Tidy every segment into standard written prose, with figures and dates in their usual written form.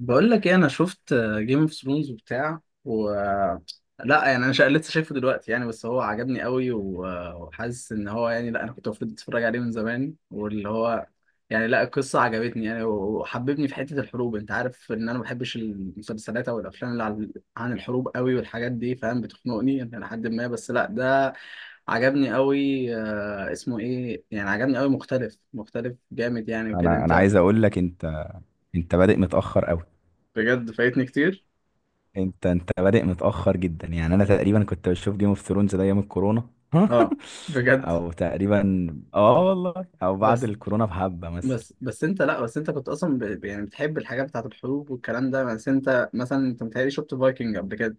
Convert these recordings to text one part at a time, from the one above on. بقول لك ايه؟ انا شفت جيم اوف ثرونز وبتاع، لا يعني انا لسه شايفه دلوقتي، يعني بس هو عجبني قوي، و- وحاسس ان هو، يعني لا، انا كنت المفروض اتفرج عليه من زمان، واللي هو يعني لا، القصه عجبتني يعني، و- وحببني في حته الحروب. انت عارف ان انا ما بحبش المسلسلات او الافلام اللي عن الحروب قوي والحاجات دي، فاهم؟ بتخنقني يعني لحد، ما بس لا، ده عجبني قوي. اسمه ايه يعني، عجبني قوي، مختلف مختلف جامد يعني وكده. انا انت عايز اقول لك. انت بادئ متاخر قوي. بجد فايتني كتير. انت بادئ متاخر جدا يعني. انا تقريبا كنت بشوف جيم اوف ثرونز ده ايام الكورونا. اه بجد. او تقريبا، اه والله، او بعد بس الكورونا بحبه مثلا. بس انت، لا بس انت كنت اصلا يعني بتحب الحاجات بتاعت الحروب والكلام ده. بس انت مثلا، انت متهيألي شفت فايكنج قبل كده،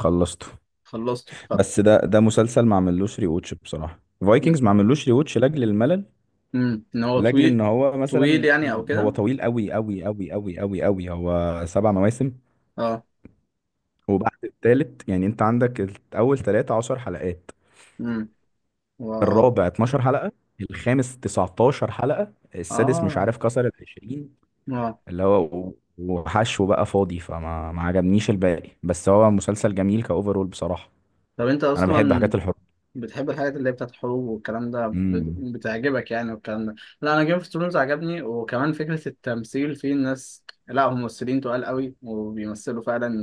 خلصته. خلصته. اتفضل. بس ده مسلسل ما عملوش ري ووتش بصراحه. مم. فايكنجز ما عملوش ري ووتش لاجل الملل، مم. ان هو لاجل ان طويل، هو طويل مثلا يعني او هو كده. طويل قوي قوي قوي قوي قوي قوي. هو 7 مواسم، اه. وبعد التالت يعني انت عندك اول 13 حلقات، مم. واو. الرابع 12 حلقة، الخامس 19 حلقة، السادس مش اه. عارف كسر ال 20، اه. اللي هو وحشو بقى فاضي، فما ما عجبنيش الباقي، بس هو مسلسل جميل كأوفرول بصراحة. طب انت أنا بحب اصلا حاجات الحب. بتحب الحاجات اللي هي بتاعت الحروب والكلام ده، امم. بتعجبك يعني، والكلام ده. لا، انا جيم اوف ثرونز عجبني، وكمان فكرة التمثيل فيه. الناس لا، هم ممثلين تقال قوي، وبيمثلوا فعلا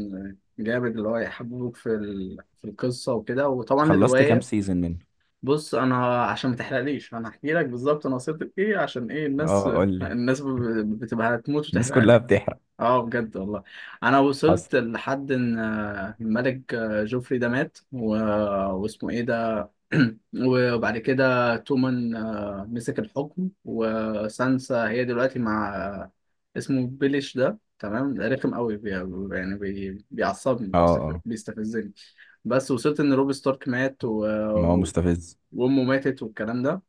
جامد، اللي هو يحببوك في القصة وكده، وطبعا خلصت كام الرواية. سيزون منه؟ بص، انا عشان ما تحرقليش، انا هحكي لك بالظبط انا وصلت لايه، عشان ايه الناس، اه، قول لي. الناس ب... بتبقى هتموت الناس وتحرق كلها لي. بتحرق. اه بجد والله. انا حصل. وصلت لحد ان الملك جوفري ده مات واسمه ايه ده؟ وبعد كده تومان مسك الحكم، وسانسا هي دلوقتي مع، اسمه بيليش ده. تمام، رخم قوي، بيعصبني، اه، اه. بيستفزني. بس وصلت ان روب ستارك مات ما هو مستفز. وامه ماتت، والكلام ده.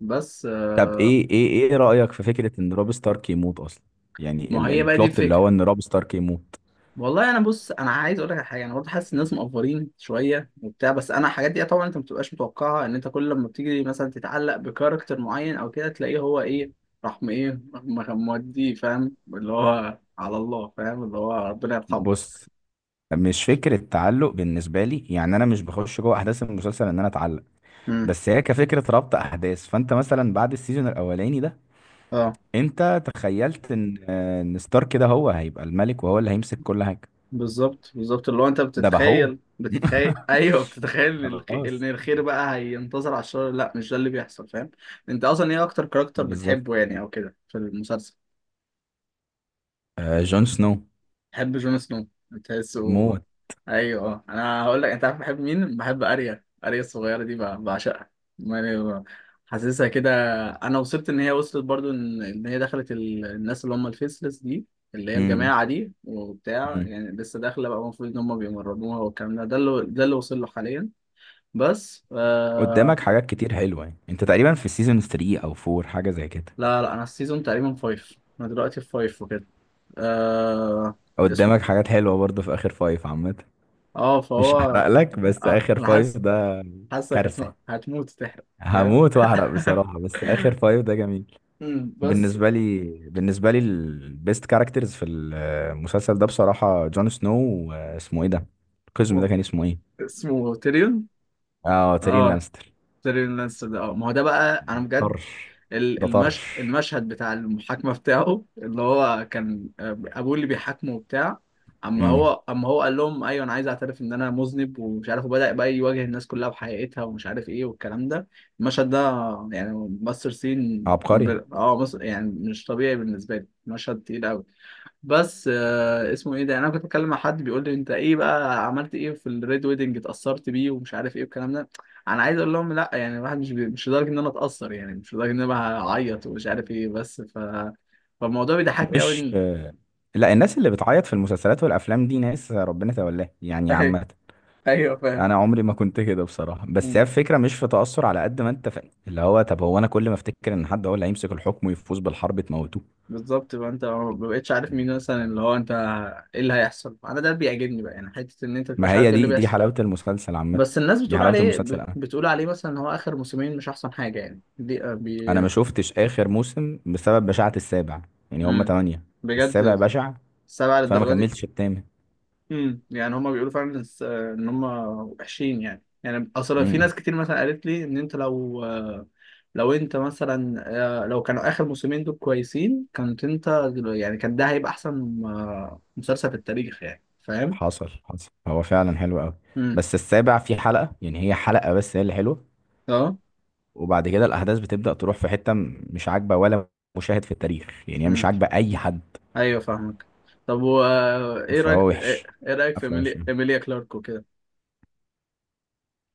بس آه، طب ايه رأيك في فكرة ان روب ستارك يموت اصلا؟ يعني ما هي بقى دي البلوت اللي الفكرة. هو ان روب ستارك يموت. والله انا، بص، انا عايز اقول لك على حاجه. انا برضه حاسس الناس مقفرين شويه وبتاع، بس انا الحاجات دي طبعا انت ما بتبقاش متوقعها، ان انت كل لما بتيجي مثلا تتعلق بكاركتر معين او كده، تلاقيه هو ايه، راح، مودي فاهم اللي هو، على الله، فاهم اللي هو، ربنا يرحمه. بص، مش فكرة تعلق بالنسبة لي، يعني أنا مش بخش جوه أحداث المسلسل إن أنا أتعلق. امم. بس هي كفكرة ربط أحداث، فأنت مثلا بعد السيزون الأولاني ده اه أنت تخيلت إن ستارك كده هو هيبقى الملك وهو اللي هيمسك كل حاجة. بالظبط، بالظبط، اللي هو انت ده بقى هو. بتتخيل، بتتخيل ايوه بتتخيل ان ان خلاص. الخير بقى هينتصر على الشر، لا مش ده اللي بيحصل، فاهم؟ انت اصلا ايه اكتر كاركتر بتحبه بالظبط. يعني، او كده في المسلسل؟ آه، جون سنو. بحب جون سنو، بتحسه. موت. ايوه اه. انا هقول لك، انت عارف بحب مين؟ بحب اريا، اريا الصغيره دي، بعشقها يعني، حاسسها كده. انا وصلت ان هي، وصلت برضو ان، إن هي دخلت الناس اللي هم الفيسلس دي، اللي هي مم. الجماعه دي وبتاع، مم. يعني لسه داخله بقى، المفروض ان هم بيمرنوها والكلام ده. ده اللي، ده اللي وصل له حاليا. بس قدامك آه. حاجات كتير حلوة يعني. أنت تقريبا في سيزون 3 أو 4 حاجة زي كده. لا لا، انا السيزون تقريبا فايف. انا دلوقتي في فايف وكده. آه. الاسم. قدامك حاجات حلوة برضه في آخر فايف عامة. اه فهو. مش هحرق لك، بس اه آخر انا فايف حاسس، ده حاسك كارثة. هتموت، هتموت تحرق. فاهم. هموت واحرق بصراحة، بس آخر فايف ده جميل أمم، بس. بالنسبة لي. بالنسبة لي البيست كاركترز في المسلسل ده بصراحة جون سنو. واسمه ايه ده؟ القزم هو ده كان اسمه ايه؟ اسمه تيريون. اه، تيرين اه، لانستر. تيريون لانستر ده. اه ما هو ده بقى، انا بجد طرش. ده طرش. المشهد بتاع المحاكمة بتاعه، اللي هو كان ابوه اللي بيحاكمه وبتاع. اما امم. هو، اما هو قال لهم ايوه انا عايز اعترف ان انا مذنب، ومش عارف، وبدأ بقى يواجه الناس كلها بحقيقتها، ومش عارف ايه والكلام ده. المشهد ده يعني ماستر عبقري. اه، مصر يعني، مش طبيعي بالنسبة لي، مشهد تقيل قوي. بس اسمه ايه ده، يعني انا كنت بتكلم مع حد بيقول لي انت ايه بقى، عملت ايه في الريد ويدنج، اتأثرت بيه ومش عارف ايه والكلام ده. انا عايز اقول لهم لا يعني، الواحد مش لدرجه ان انا اتأثر، يعني مش لدرجه ان انا هعيط ومش عارف ايه. بس ف فالموضوع بيضحكني مش قوي، آه، لا، الناس اللي بتعيط في المسلسلات والافلام دي ناس ربنا تولاها يعني ايوه، عامة. ايوه فاهم. انا عمري ما كنت كده بصراحة، بس هي مم. الفكرة مش في تأثر على قد ما انت اللي هو، طب هو، انا كل ما افتكر ان حد هو اللي هيمسك الحكم ويفوز بالحرب تموتوه. بالظبط بقى، انت ما بقتش عارف مين مثلا اللي هو انت، ايه اللي هيحصل. انا ده بيعجبني بقى يعني، حته ان انت ما متبقاش عارف هي ايه اللي دي بيحصل. حلاوة المسلسل عامة. بس الناس دي بتقول حلاوة عليه، المسلسل. أنا بتقول عليه مثلا، ان هو اخر موسمين مش احسن حاجه يعني، دي أنا ما شفتش آخر موسم بسبب بشاعة السابع، يعني هما مم. 8. السابع بجد؟ بشع، سبعة فأنا ما للدرجة دي؟ كملتش التامن. امم، يعني هما بيقولوا فعلا، ان هما وحشين يعني. يعني اصل امم. في إمم. ناس كتير مثلا قالت لي ان انت لو، لو انت مثلا لو كانوا اخر موسمين دول كويسين، كنت انت يعني كان ده هيبقى احسن مسلسل في التاريخ يعني، فاهم. حصل، حصل هو فعلا حلو أوي. امم. بس السابع فيه حلقة يعني، هي حلقة بس هي اللي حلوة. اه. وبعد كده الأحداث بتبدأ تروح في حتة مش عاجبة، ولا مشاهد في التاريخ يعني. هي مش امم. عاجبة أي حد. ايوه فاهمك. طب و آه، ايه فهو رايك ايه وحش. إيه رايك في قفلة وحشة. ايميليا كلارك وكده،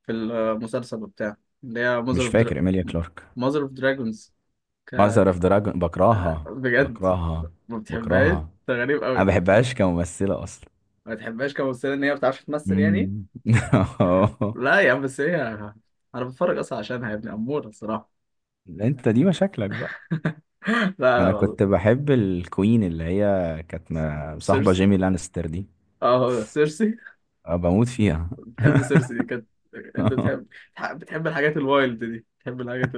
في المسلسل وبتاع، اللي هي ماذر مش فاكر اوف، إيميليا كلارك. ماذر اوف دراجونز. ك... ماذر أوف ك- دراجون، بكرهها. بجد؟ بكرهها. ما بتحبهاش؟ بكرهها. ده غريب انا قوي. ما بحبهاش كممثله اصلا. ما بتحبهاش كممثله، ان هي ما بتعرفش تمثل يعني. مم. لا يا عم، بس هي، انا بتفرج اصلا عشانها يا ابني، اموره الصراحه. انت دي مشاكلك بقى. لا لا انا والله. كنت بحب الكوين اللي هي كانت مصاحبه سيرسي. جيمي لانستر دي. اه هو ده سيرسي. أنا بموت فيها. بتحب سيرسي دي كانت. انت بتحب، بتحب الحاجات الوايلد دي، بتحب الحاجات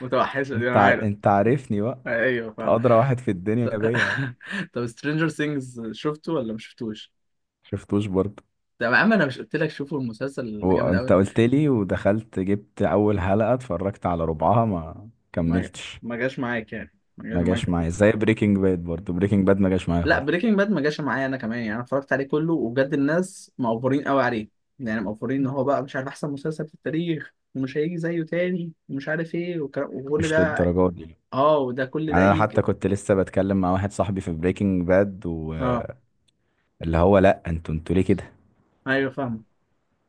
المتوحشه دي، انت انا عارف. عارفني بقى. ايوه أنت فاهم. ادرى واحد في الدنيا بيا يعني. طب سترينجر ثينجز شفته ولا ما شفتوش؟ شفتوش برضه. طب يا عم، انا مش قلت لك شوفوا المسلسل؟ جامد وانت قوي. قلت لي، ودخلت جبت اول حلقه، اتفرجت على ربعها ما ما كملتش. ما جاش معاك يعني، ما جاش ما معاك. جاش معايا زي بريكنج باد برضه. بريكنج باد ما جاش معايا لا خالص. بريكنج باد ما جاش معايا انا كمان يعني، انا اتفرجت عليه كله، وبجد الناس مقفورين قوي عليه يعني، مقفورين ان هو بقى مش عارف احسن مسلسل في التاريخ، ومش هيجي زيه تاني، ومش عارف ايه والكلام، وكل مش ده. للدرجه دي. اه وده كل ده يعني انا حتى يجي. كنت لسه بتكلم مع واحد صاحبي في بريكنج باد اه واللي هو، لا، انتوا ليه كده؟ ايوه فاهم.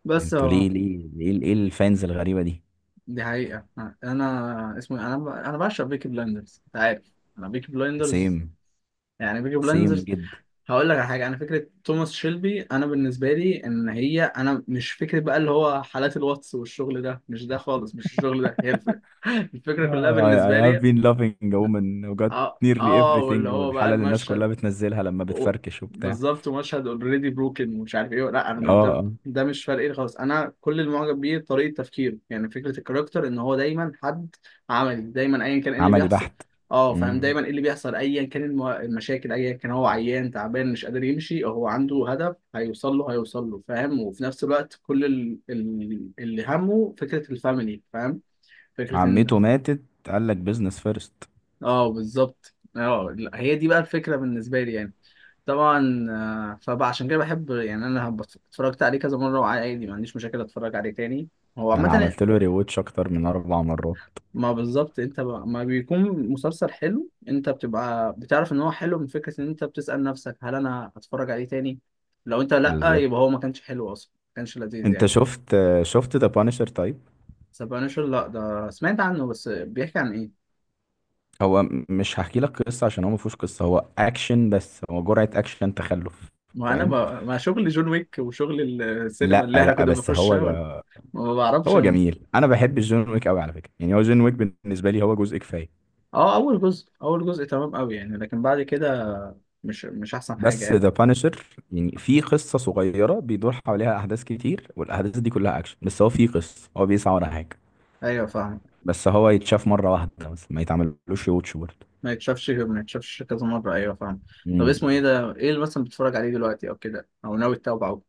بس انتوا ليه اه، ليه؟ ايه الفانز الغريبة دي؟ دي حقيقة. انا اسمه إيه؟ انا انا بعشق بيكي بلايندرز، انت عارف. انا بيكي سيم. بلايندرز يعني، بيكي سيم بلايندرز. جدا. هقول لك على حاجه. انا فكره توماس شيلبي، انا بالنسبه لي، ان هي انا مش فكره بقى اللي هو حالات الواتس والشغل ده، مش ده خالص، مش الشغل ده هي الفكره. الفكره كلها بالنسبه I have لي، been loving a woman who got اه nearly اه، واللي everything، هو بقى والحالة اللي الناس المشهد. كلها بتنزلها لما و- بتفركش وبتاع. بالظبط، ومشهد اوريدي بروكن، ومش عارف ايه، لا انا اه، مش ده، اه. ده مش فارق لي خالص. انا كل اللي معجب بيه طريقه تفكيره يعني، فكره الكاركتر ان هو دايما حد عملي، دايما ايا كان ايه اللي عملي بيحصل. بحت. اه فاهم. مم. دايما ايه اللي بيحصل، ايا كان المشاكل، ايا كان هو عيان تعبان مش قادر يمشي، هو عنده هدف هيوصل له، هيوصل له، فاهم. وفي نفس الوقت، كل اللي همه فكره الفاميلي، فاهم. فكره ان، عمته ماتت، قال لك بيزنس فيرست. اه بالظبط. اه لا، هي دي بقى الفكره بالنسبه لي يعني. طبعا. فعشان كده بحب يعني، انا اتفرجت عليه كذا مره، وعادي ما عنديش مشاكل اتفرج عليه تاني، هو انا عامه. عملت له ريوتش اكتر من 4 مرات. ما بالظبط. ما بيكون مسلسل حلو، انت بتبقى بتعرف ان هو حلو من فكره ان انت بتسال نفسك، هل انا هتفرج عليه تاني؟ لو انت لا، بالظبط. يبقى هو ما كانش حلو اصلا، ما كانش لذيذ انت يعني. شفت ذا بانشر طيب؟ سبانشر؟ لا ده سمعت عنه، بس بيحكي عن ايه؟ هو مش هحكي لك قصه عشان هو ما فيهوش قصه. هو اكشن بس، هو جرعه اكشن تخلف. ما انا، فاهم. ما شغل جون ويك وشغل السينما لا، اللي احنا لا، كنا بس هو بنخشها. ما بعرفش. هو جميل. انا بحب جون ويك قوي على فكره يعني. هو جون ويك بالنسبه لي هو جزء كفايه. اه، اول جزء، اول جزء تمام قوي يعني، لكن بعد كده مش، مش احسن حاجه بس يعني. ذا بانشر، يعني في قصه صغيره بيدور حواليها احداث كتير، والاحداث دي كلها اكشن، بس هو في قصه، هو بيسعى ورا حاجه. ايوه فاهم. بس هو يتشاف مره واحده بس، ما يتعملوش واتش برضه. ما يتشافش، ما يتشافش كذا مره، ايوه فاهم. طب مم. اسمه ايه ده؟ ايه اللي مثلا بتتفرج عليه دلوقتي او كده، او ناوي تتابعه؟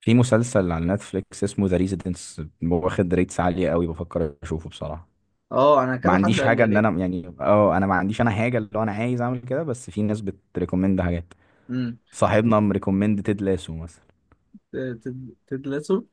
في مسلسل على نتفليكس اسمه ذا ريزيدنس واخد ريتس عاليه قوي، بفكر اشوفه بصراحه. اه انا ما كذا حد عنديش قال لي حاجه ان عليه. انا يعني، اه، انا ما عنديش انا حاجه اللي هو انا عايز اعمل كده، بس في ناس بتريكومند حاجات. امم. صاحبنا مريكومند تيد لاسو مثلا. تدلسه؟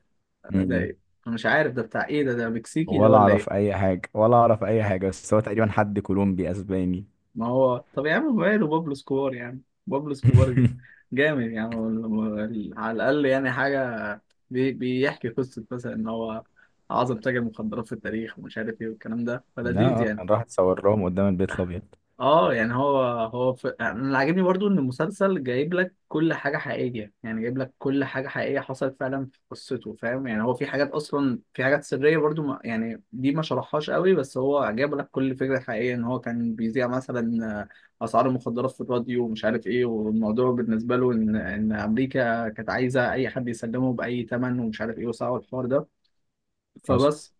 ده امم. ايه؟ أنا مش عارف ده بتاع ايه، ده ده مكسيكي ده ولا ولا ايه؟ اعرف اي حاجه، ولا اعرف اي حاجه، بس هو تقريبا حد كولومبي اسباني. ما هو طب يا عم، ماله بابلو سكوار، يعني بابلو سكوار جامد يعني، وال- وال- على الأقل يعني حاجة، بيحكي قصة مثلا إن هو أعظم تاجر مخدرات في التاريخ، ومش عارف إيه والكلام ده، لا، فلذيذ يعني. كان راح اتصور لهم قدام البيت الابيض. اه يعني، هو هو انا اللي عاجبني برضو ان المسلسل جايب لك كل حاجه حقيقيه يعني، جايب لك كل حاجه حقيقيه حصلت فعلا في قصته، فاهم يعني. هو في حاجات اصلا، في حاجات سريه برضو ما... يعني دي ما شرحهاش قوي، بس هو جايب لك كل فكره حقيقيه، ان هو كان بيذيع مثلا اسعار المخدرات في الراديو ومش عارف ايه، والموضوع بالنسبه له ان، ان امريكا كانت عايزه اي حد يسلمه باي ثمن، ومش عارف ايه، وصعب الحوار ده. حصل. فبس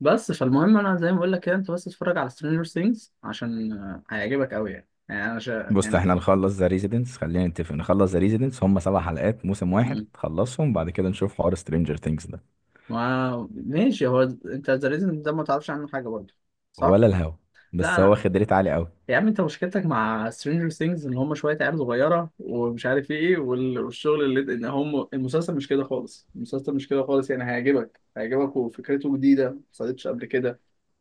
بس فالمهم، انا زي ما بقول لك كده، انت بس اتفرج على سترينجر ثينجز، عشان هيعجبك قوي يعني، يعني انا بص، يعني. احنا نخلص ذا ريزيدنس، خلينا نتفق نخلص ذا ريزيدنس، هم 7 حلقات موسم واحد، مم. خلصهم بعد كده نشوف حوار سترينجر ثينجز ده. ما ماشي. هو انت ذا ريزن ده ما تعرفش عنه حاجه برضه، صح؟ ولا الهوا. لا بس هو انا، واخد ريت عالي قوي. يا عم انت مشكلتك مع سترينجر ثينجز ان هم شويه عيال صغيره ومش عارف ايه، والشغل اللي ان هم، المسلسل مش كده خالص، المسلسل مش كده خالص يعني، هيعجبك، هيعجبك، وفكرته جديده ما حصلتش قبل كده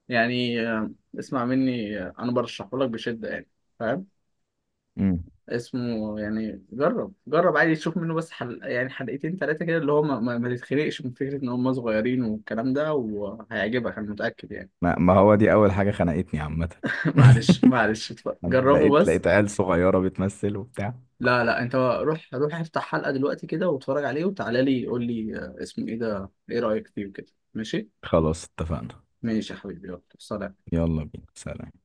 يعني. اسمع مني، انا برشحه لك بشده يعني. فاهم؟ امم. اسمه يعني، جرب، جرب عادي تشوف منه، بس يعني حلقتين ثلاثة كده، اللي هو ما تتخنقش من فكرة إن هم صغيرين والكلام ده، وهيعجبك أنا متأكد يعني. ما هو دي اول حاجه خنقتني عامه. معلش معلش، اتفرج. انا جربه لقيت بس. لقيت عيال صغيرة بتمثل وبتاع. لا لا، أنت روح، روح افتح حلقة دلوقتي كده واتفرج عليه، وتعالى لي قول لي اسمه إيه ده، إيه رأيك فيه وكده، ماشي؟ خلاص، اتفقنا. ماشي يا حبيبي، يلا سلام. يلا بينا، سلام.